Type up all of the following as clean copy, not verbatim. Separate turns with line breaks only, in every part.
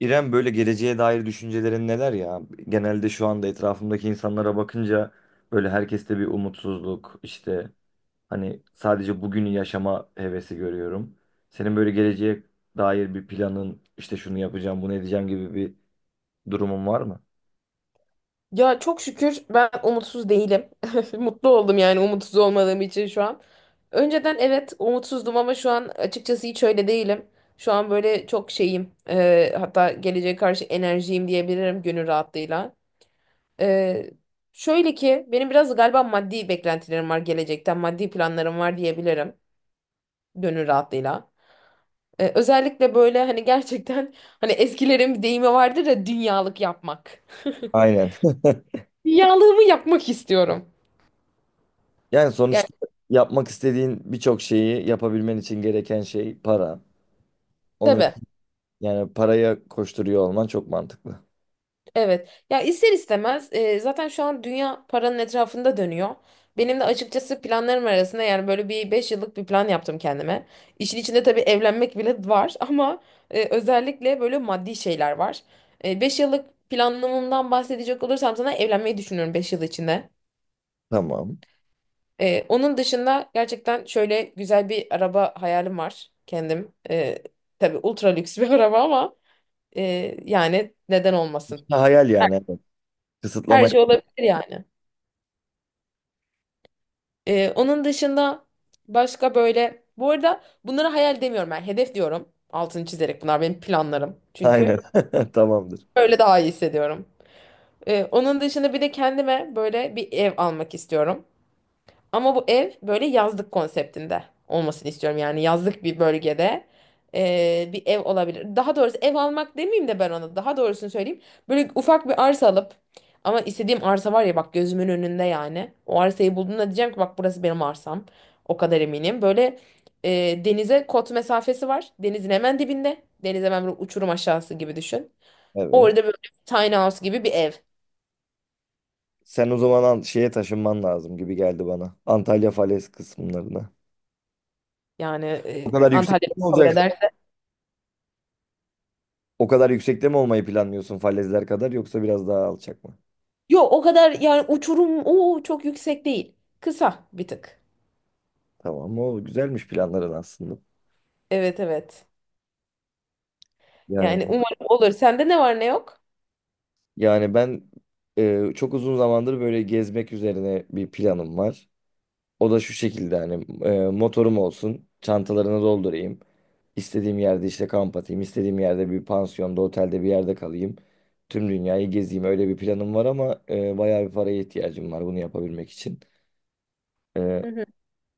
İrem, böyle geleceğe dair düşüncelerin neler ya? Genelde şu anda etrafımdaki insanlara bakınca böyle herkeste bir umutsuzluk işte hani sadece bugünü yaşama hevesi görüyorum. Senin böyle geleceğe dair bir planın, işte şunu yapacağım bunu edeceğim gibi bir durumun var mı?
Ya çok şükür ben umutsuz değilim. Mutlu oldum yani umutsuz olmadığım için şu an. Önceden evet umutsuzdum ama şu an açıkçası hiç öyle değilim. Şu an böyle çok şeyim. Hatta geleceğe karşı enerjiyim diyebilirim gönül rahatlığıyla. E, şöyle ki benim biraz galiba maddi beklentilerim var gelecekten. Maddi planlarım var diyebilirim gönül rahatlığıyla. Özellikle böyle hani gerçekten hani eskilerin bir deyimi vardır ya dünyalık yapmak.
Aynen.
Dünyalığımı yapmak istiyorum.
Yani sonuçta yapmak istediğin birçok şeyi yapabilmen için gereken şey para. Onu,
Tabii,
yani paraya koşturuyor olman çok mantıklı.
evet. Ya ister istemez zaten şu an dünya paranın etrafında dönüyor. Benim de açıkçası planlarım arasında yani böyle bir 5 yıllık bir plan yaptım kendime. İşin içinde tabii evlenmek bile var ama özellikle böyle maddi şeyler var. 5 yıllık planlamamdan bahsedecek olursam sana evlenmeyi düşünüyorum 5 yıl içinde.
Tamam.
Onun dışında gerçekten şöyle güzel bir araba hayalim var kendim. Tabii ultra lüks bir araba ama yani neden olmasın?
Ha, hayal
Her,
yani. Evet.
her
Kısıtlama.
şey olabilir yani. Onun dışında başka böyle bu arada bunları hayal demiyorum ben hedef diyorum. Altını çizerek bunlar benim planlarım.
Aynen.
Çünkü
Tamamdır.
böyle daha iyi hissediyorum. Onun dışında bir de kendime böyle bir ev almak istiyorum. Ama bu ev böyle yazlık konseptinde olmasını istiyorum. Yani yazlık bir bölgede bir ev olabilir. Daha doğrusu ev almak demeyeyim de ben ona. Daha doğrusunu söyleyeyim. Böyle ufak bir arsa alıp ama istediğim arsa var ya bak gözümün önünde yani. O arsayı bulduğumda diyeceğim ki bak burası benim arsam. O kadar eminim. Böyle denize kot mesafesi var. Denizin hemen dibinde. Deniz hemen böyle uçurum aşağısı gibi düşün.
Evet.
Orada böyle tiny house gibi bir ev.
Sen o zaman şeye taşınman lazım gibi geldi bana. Antalya falez kısımlarına.
Yani
O kadar
Antalya
yüksekte mi
kabul
olacak?
eder.
O kadar yüksekte mi olmayı planlıyorsun, falezler kadar yoksa biraz daha alçak mı?
Yok o kadar yani uçurum o çok yüksek değil. Kısa bir tık.
Tamam, o güzelmiş planların aslında.
Evet, evet.
Yani
Yani umarım olur. Sende ne var ne yok?
yani ben çok uzun zamandır böyle gezmek üzerine bir planım var. O da şu şekilde: hani motorum olsun, çantalarını doldurayım. İstediğim yerde işte kamp atayım, istediğim yerde bir pansiyonda, otelde bir yerde kalayım. Tüm dünyayı gezeyim, öyle bir planım var ama bayağı bir paraya ihtiyacım var bunu yapabilmek için. E,
Hı hı.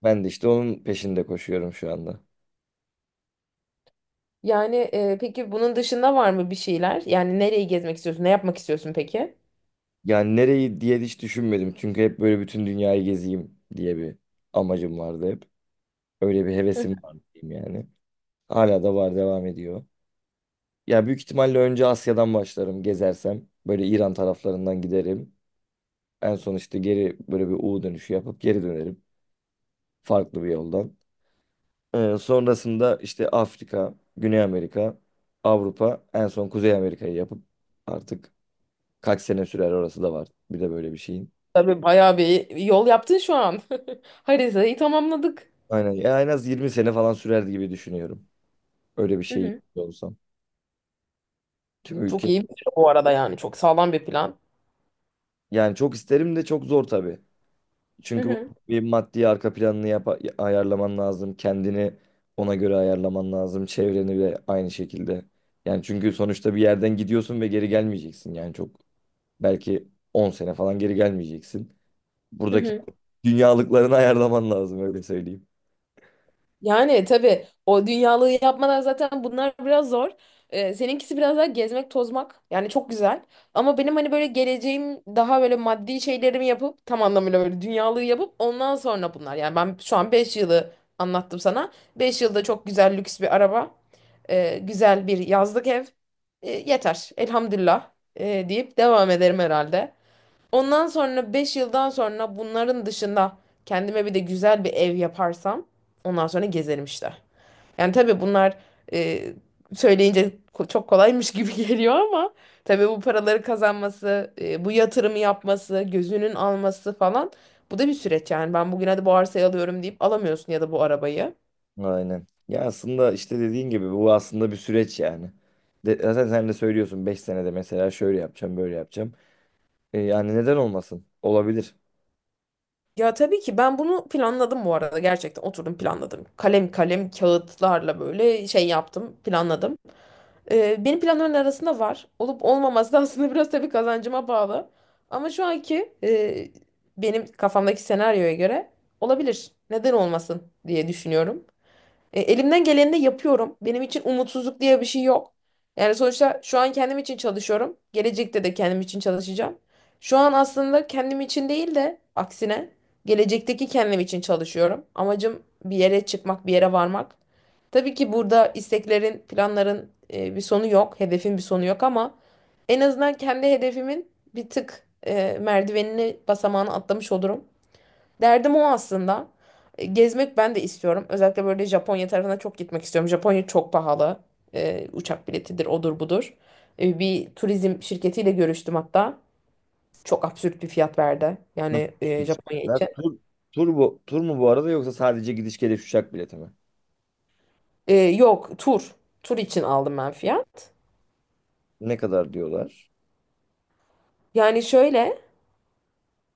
Ben de işte onun peşinde koşuyorum şu anda.
Yani peki bunun dışında var mı bir şeyler? Yani nereyi gezmek istiyorsun? Ne yapmak istiyorsun peki?
Yani nereyi diye hiç düşünmedim çünkü hep böyle bütün dünyayı gezeyim diye bir amacım vardı hep. Öyle bir
Hı.
hevesim var diyeyim yani. Hala da var, devam ediyor. Ya büyük ihtimalle önce Asya'dan başlarım gezersem. Böyle İran taraflarından giderim. En son işte geri böyle bir U dönüşü yapıp geri dönerim. Farklı bir yoldan. Sonrasında işte Afrika, Güney Amerika, Avrupa, en son Kuzey Amerika'yı yapıp artık kaç sene sürer, orası da var. Bir de böyle bir şeyin.
Tabii bayağı bir yol yaptın şu an. Haritayı tamamladık.
Aynen. Ya en az 20 sene falan sürer gibi düşünüyorum. Öyle bir
Hı
şey
hı.
olsam. Tüm
Çok
ülke.
iyi bir şey bu arada yani. Çok sağlam bir plan.
Yani çok isterim de çok zor tabii.
Hı
Çünkü bu
hı.
bir maddi arka planını ayarlaman lazım. Kendini ona göre ayarlaman lazım. Çevreni de aynı şekilde. Yani çünkü sonuçta bir yerden gidiyorsun ve geri gelmeyeceksin. Yani çok belki 10 sene falan geri gelmeyeceksin.
Hı
Buradaki
hı.
dünyalıklarını ayarlaman lazım, öyle söyleyeyim.
Yani tabii o dünyalığı yapmadan zaten bunlar biraz zor. Seninkisi biraz daha gezmek, tozmak. Yani çok güzel. Ama benim hani böyle geleceğim daha böyle maddi şeylerimi yapıp tam anlamıyla böyle dünyalığı yapıp ondan sonra bunlar. Yani ben şu an 5 yılı anlattım sana. 5 yılda çok güzel lüks bir araba, güzel bir yazlık ev. Yeter. Elhamdülillah deyip devam ederim herhalde. Ondan sonra 5 yıldan sonra bunların dışında kendime bir de güzel bir ev yaparsam ondan sonra gezerim işte. Yani tabii bunlar e, söyleyince çok kolaymış gibi geliyor ama tabii bu paraları kazanması, bu yatırımı yapması, gözünün alması falan bu da bir süreç yani. Ben bugün hadi bu arsayı alıyorum deyip alamıyorsun ya da bu arabayı.
Aynen. Ya aslında işte dediğin gibi bu aslında bir süreç yani. Zaten sen de söylüyorsun, 5 senede mesela şöyle yapacağım böyle yapacağım. E, yani neden olmasın? Olabilir.
Ya tabii ki ben bunu planladım bu arada gerçekten oturdum planladım. Kalem kalem kağıtlarla böyle şey yaptım planladım. Benim planların arasında var. Olup olmaması da aslında biraz tabii kazancıma bağlı. Ama şu anki benim kafamdaki senaryoya göre olabilir. Neden olmasın diye düşünüyorum. Elimden geleni de yapıyorum. Benim için umutsuzluk diye bir şey yok. Yani sonuçta şu an kendim için çalışıyorum. Gelecekte de kendim için çalışacağım. Şu an aslında kendim için değil de aksine gelecekteki kendim için çalışıyorum. Amacım bir yere çıkmak, bir yere varmak. Tabii ki burada isteklerin, planların bir sonu yok, hedefin bir sonu yok ama en azından kendi hedefimin bir tık merdivenini, basamağını atlamış olurum. Derdim o aslında. Gezmek ben de istiyorum. Özellikle böyle Japonya tarafına çok gitmek istiyorum. Japonya çok pahalı. Uçak biletidir, odur budur. Bir turizm şirketiyle görüştüm hatta. Çok absürt bir fiyat verdi.
Nasıl
Yani
gidiş
Japonya için.
Tur, Tur mu bu arada, yoksa sadece gidiş geliş uçak bileti mi?
Yok, tur. Tur için aldım ben fiyat.
Ne kadar diyorlar?
Yani şöyle,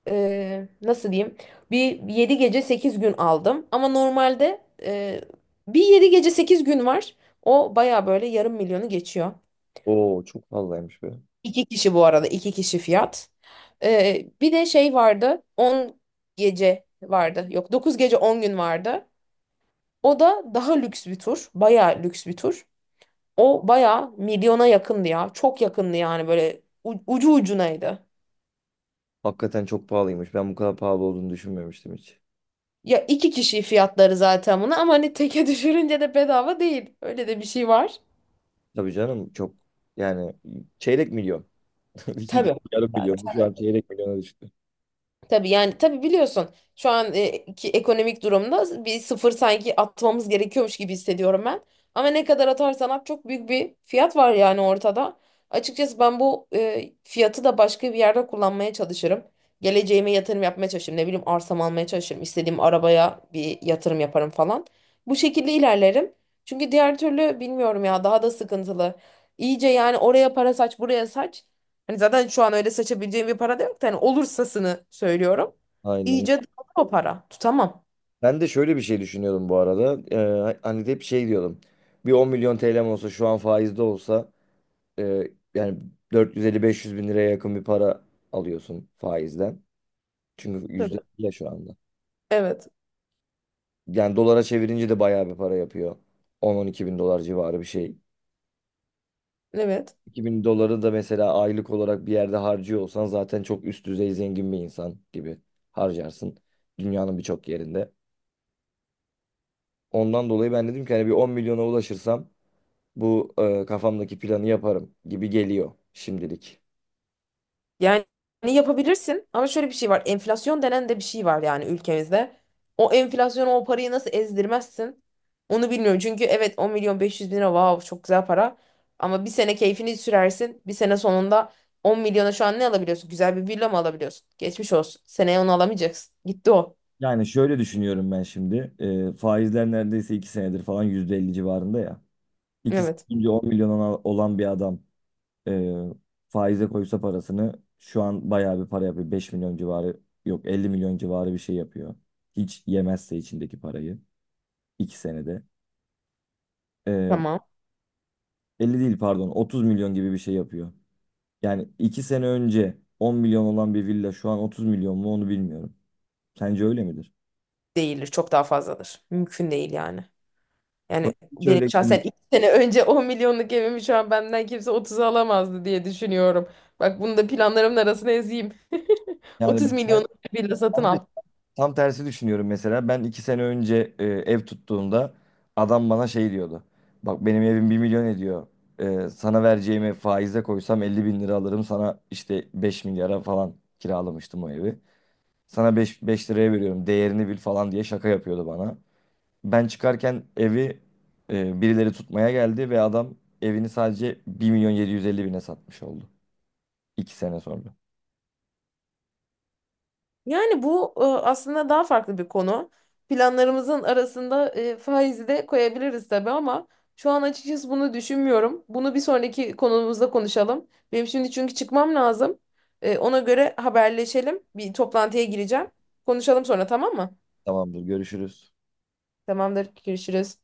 nasıl diyeyim? Bir 7 gece 8 gün aldım. Ama normalde bir 7 gece 8 gün var. O baya böyle yarım milyonu geçiyor.
Oo, çok pahalıymış be.
2 kişi bu arada. 2 kişi fiyat. Bir de şey vardı. 10 gece vardı. Yok, 9 gece 10 gün vardı. O da daha lüks bir tur. Bayağı lüks bir tur. O bayağı milyona yakındı ya. Çok yakındı yani böyle ucu ucunaydı.
Hakikaten çok pahalıymış. Ben bu kadar pahalı olduğunu düşünmemiştim hiç.
Ya 2 kişi fiyatları zaten bunu ama hani teke düşürünce de bedava değil. Öyle de bir şey var.
Tabii canım, çok yani çeyrek milyon. İki,
Tabii.
yarım milyon. Şu an çeyrek milyona düştü.
Tabii yani tabii biliyorsun şu an ki ekonomik durumda bir sıfır sanki atmamız gerekiyormuş gibi hissediyorum ben. Ama ne kadar atarsan at çok büyük bir fiyat var yani ortada. Açıkçası ben bu fiyatı da başka bir yerde kullanmaya çalışırım. Geleceğime yatırım yapmaya çalışırım. Ne bileyim arsam almaya çalışırım. İstediğim arabaya bir yatırım yaparım falan. Bu şekilde ilerlerim. Çünkü diğer türlü bilmiyorum ya daha da sıkıntılı. İyice yani oraya para saç buraya saç. Hani zaten şu an öyle saçabileceğim bir para da yok da hani olursasını söylüyorum.
Aynen.
İyice dağılır o para. Tutamam.
Ben de şöyle bir şey düşünüyordum bu arada. Hani hep şey diyordum. Bir 10 milyon TL'm olsa şu an faizde olsa e, yani 450-500 bin liraya yakın bir para alıyorsun faizden. Çünkü
Tabii.
yüzde ya şu anda.
Evet.
Yani dolara çevirince de bayağı bir para yapıyor. On-on 2 bin dolar civarı bir şey.
Evet.
2 bin doları da mesela aylık olarak bir yerde harcıyor olsan zaten çok üst düzey zengin bir insan gibi harcarsın. Dünyanın birçok yerinde. Ondan dolayı ben dedim ki hani bir 10 milyona ulaşırsam bu kafamdaki planı yaparım gibi geliyor şimdilik.
Yani yapabilirsin ama şöyle bir şey var. Enflasyon denen de bir şey var yani ülkemizde. O enflasyonu o parayı nasıl ezdirmezsin? Onu bilmiyorum. Çünkü evet 10 milyon 500 bin lira wow çok güzel para. Ama bir sene keyfini sürersin. Bir sene sonunda 10 milyona şu an ne alabiliyorsun? Güzel bir villa mı alabiliyorsun? Geçmiş olsun. Seneye onu alamayacaksın. Gitti o.
Yani şöyle düşünüyorum ben şimdi. E, faizler neredeyse 2 senedir falan %50 civarında ya. 2 sene
Evet.
önce 10 milyona olan bir adam. Ee, Faize koysa parasını şu an bayağı bir para yapıyor. 5 milyon civarı, yok 50 milyon civarı bir şey yapıyor. Hiç yemezse içindeki parayı 2 senede. Ee,
Tamam.
50 değil, pardon, 30 milyon gibi bir şey yapıyor. Yani 2 sene önce 10 milyon olan bir villa şu an 30 milyon mu, onu bilmiyorum. Sence öyle midir?
Değildir. Çok daha fazladır. Mümkün değil yani.
Bana
Yani
hiç
benim
öyle gelmiyor.
şahsen 2 sene önce 10 milyonluk evimi şu an benden kimse 30'a alamazdı diye düşünüyorum. Bak bunu da planlarımın arasına ezeyim.
Yani
otuz
ben,
milyonluk bir villa satın
ben
al.
tam tersi düşünüyorum mesela. Ben 2 sene önce ev tuttuğumda adam bana şey diyordu. Bak, benim evim 1 milyon ediyor. E, sana vereceğimi faize koysam 50 bin lira alırım. Sana işte 5 milyara falan kiralamıştım o evi. Sana 5 5 liraya veriyorum, değerini bil falan diye şaka yapıyordu bana. Ben çıkarken evi birileri tutmaya geldi ve adam evini sadece 1.750.000'e satmış oldu. 2 sene sonra.
Yani bu aslında daha farklı bir konu. Planlarımızın arasında faizi de koyabiliriz tabii ama şu an açıkçası bunu düşünmüyorum. Bunu bir sonraki konumuzda konuşalım. Benim şimdi çünkü çıkmam lazım. Ona göre haberleşelim. Bir toplantıya gireceğim. Konuşalım sonra tamam mı?
Tamamdır, görüşürüz.
Tamamdır. Görüşürüz.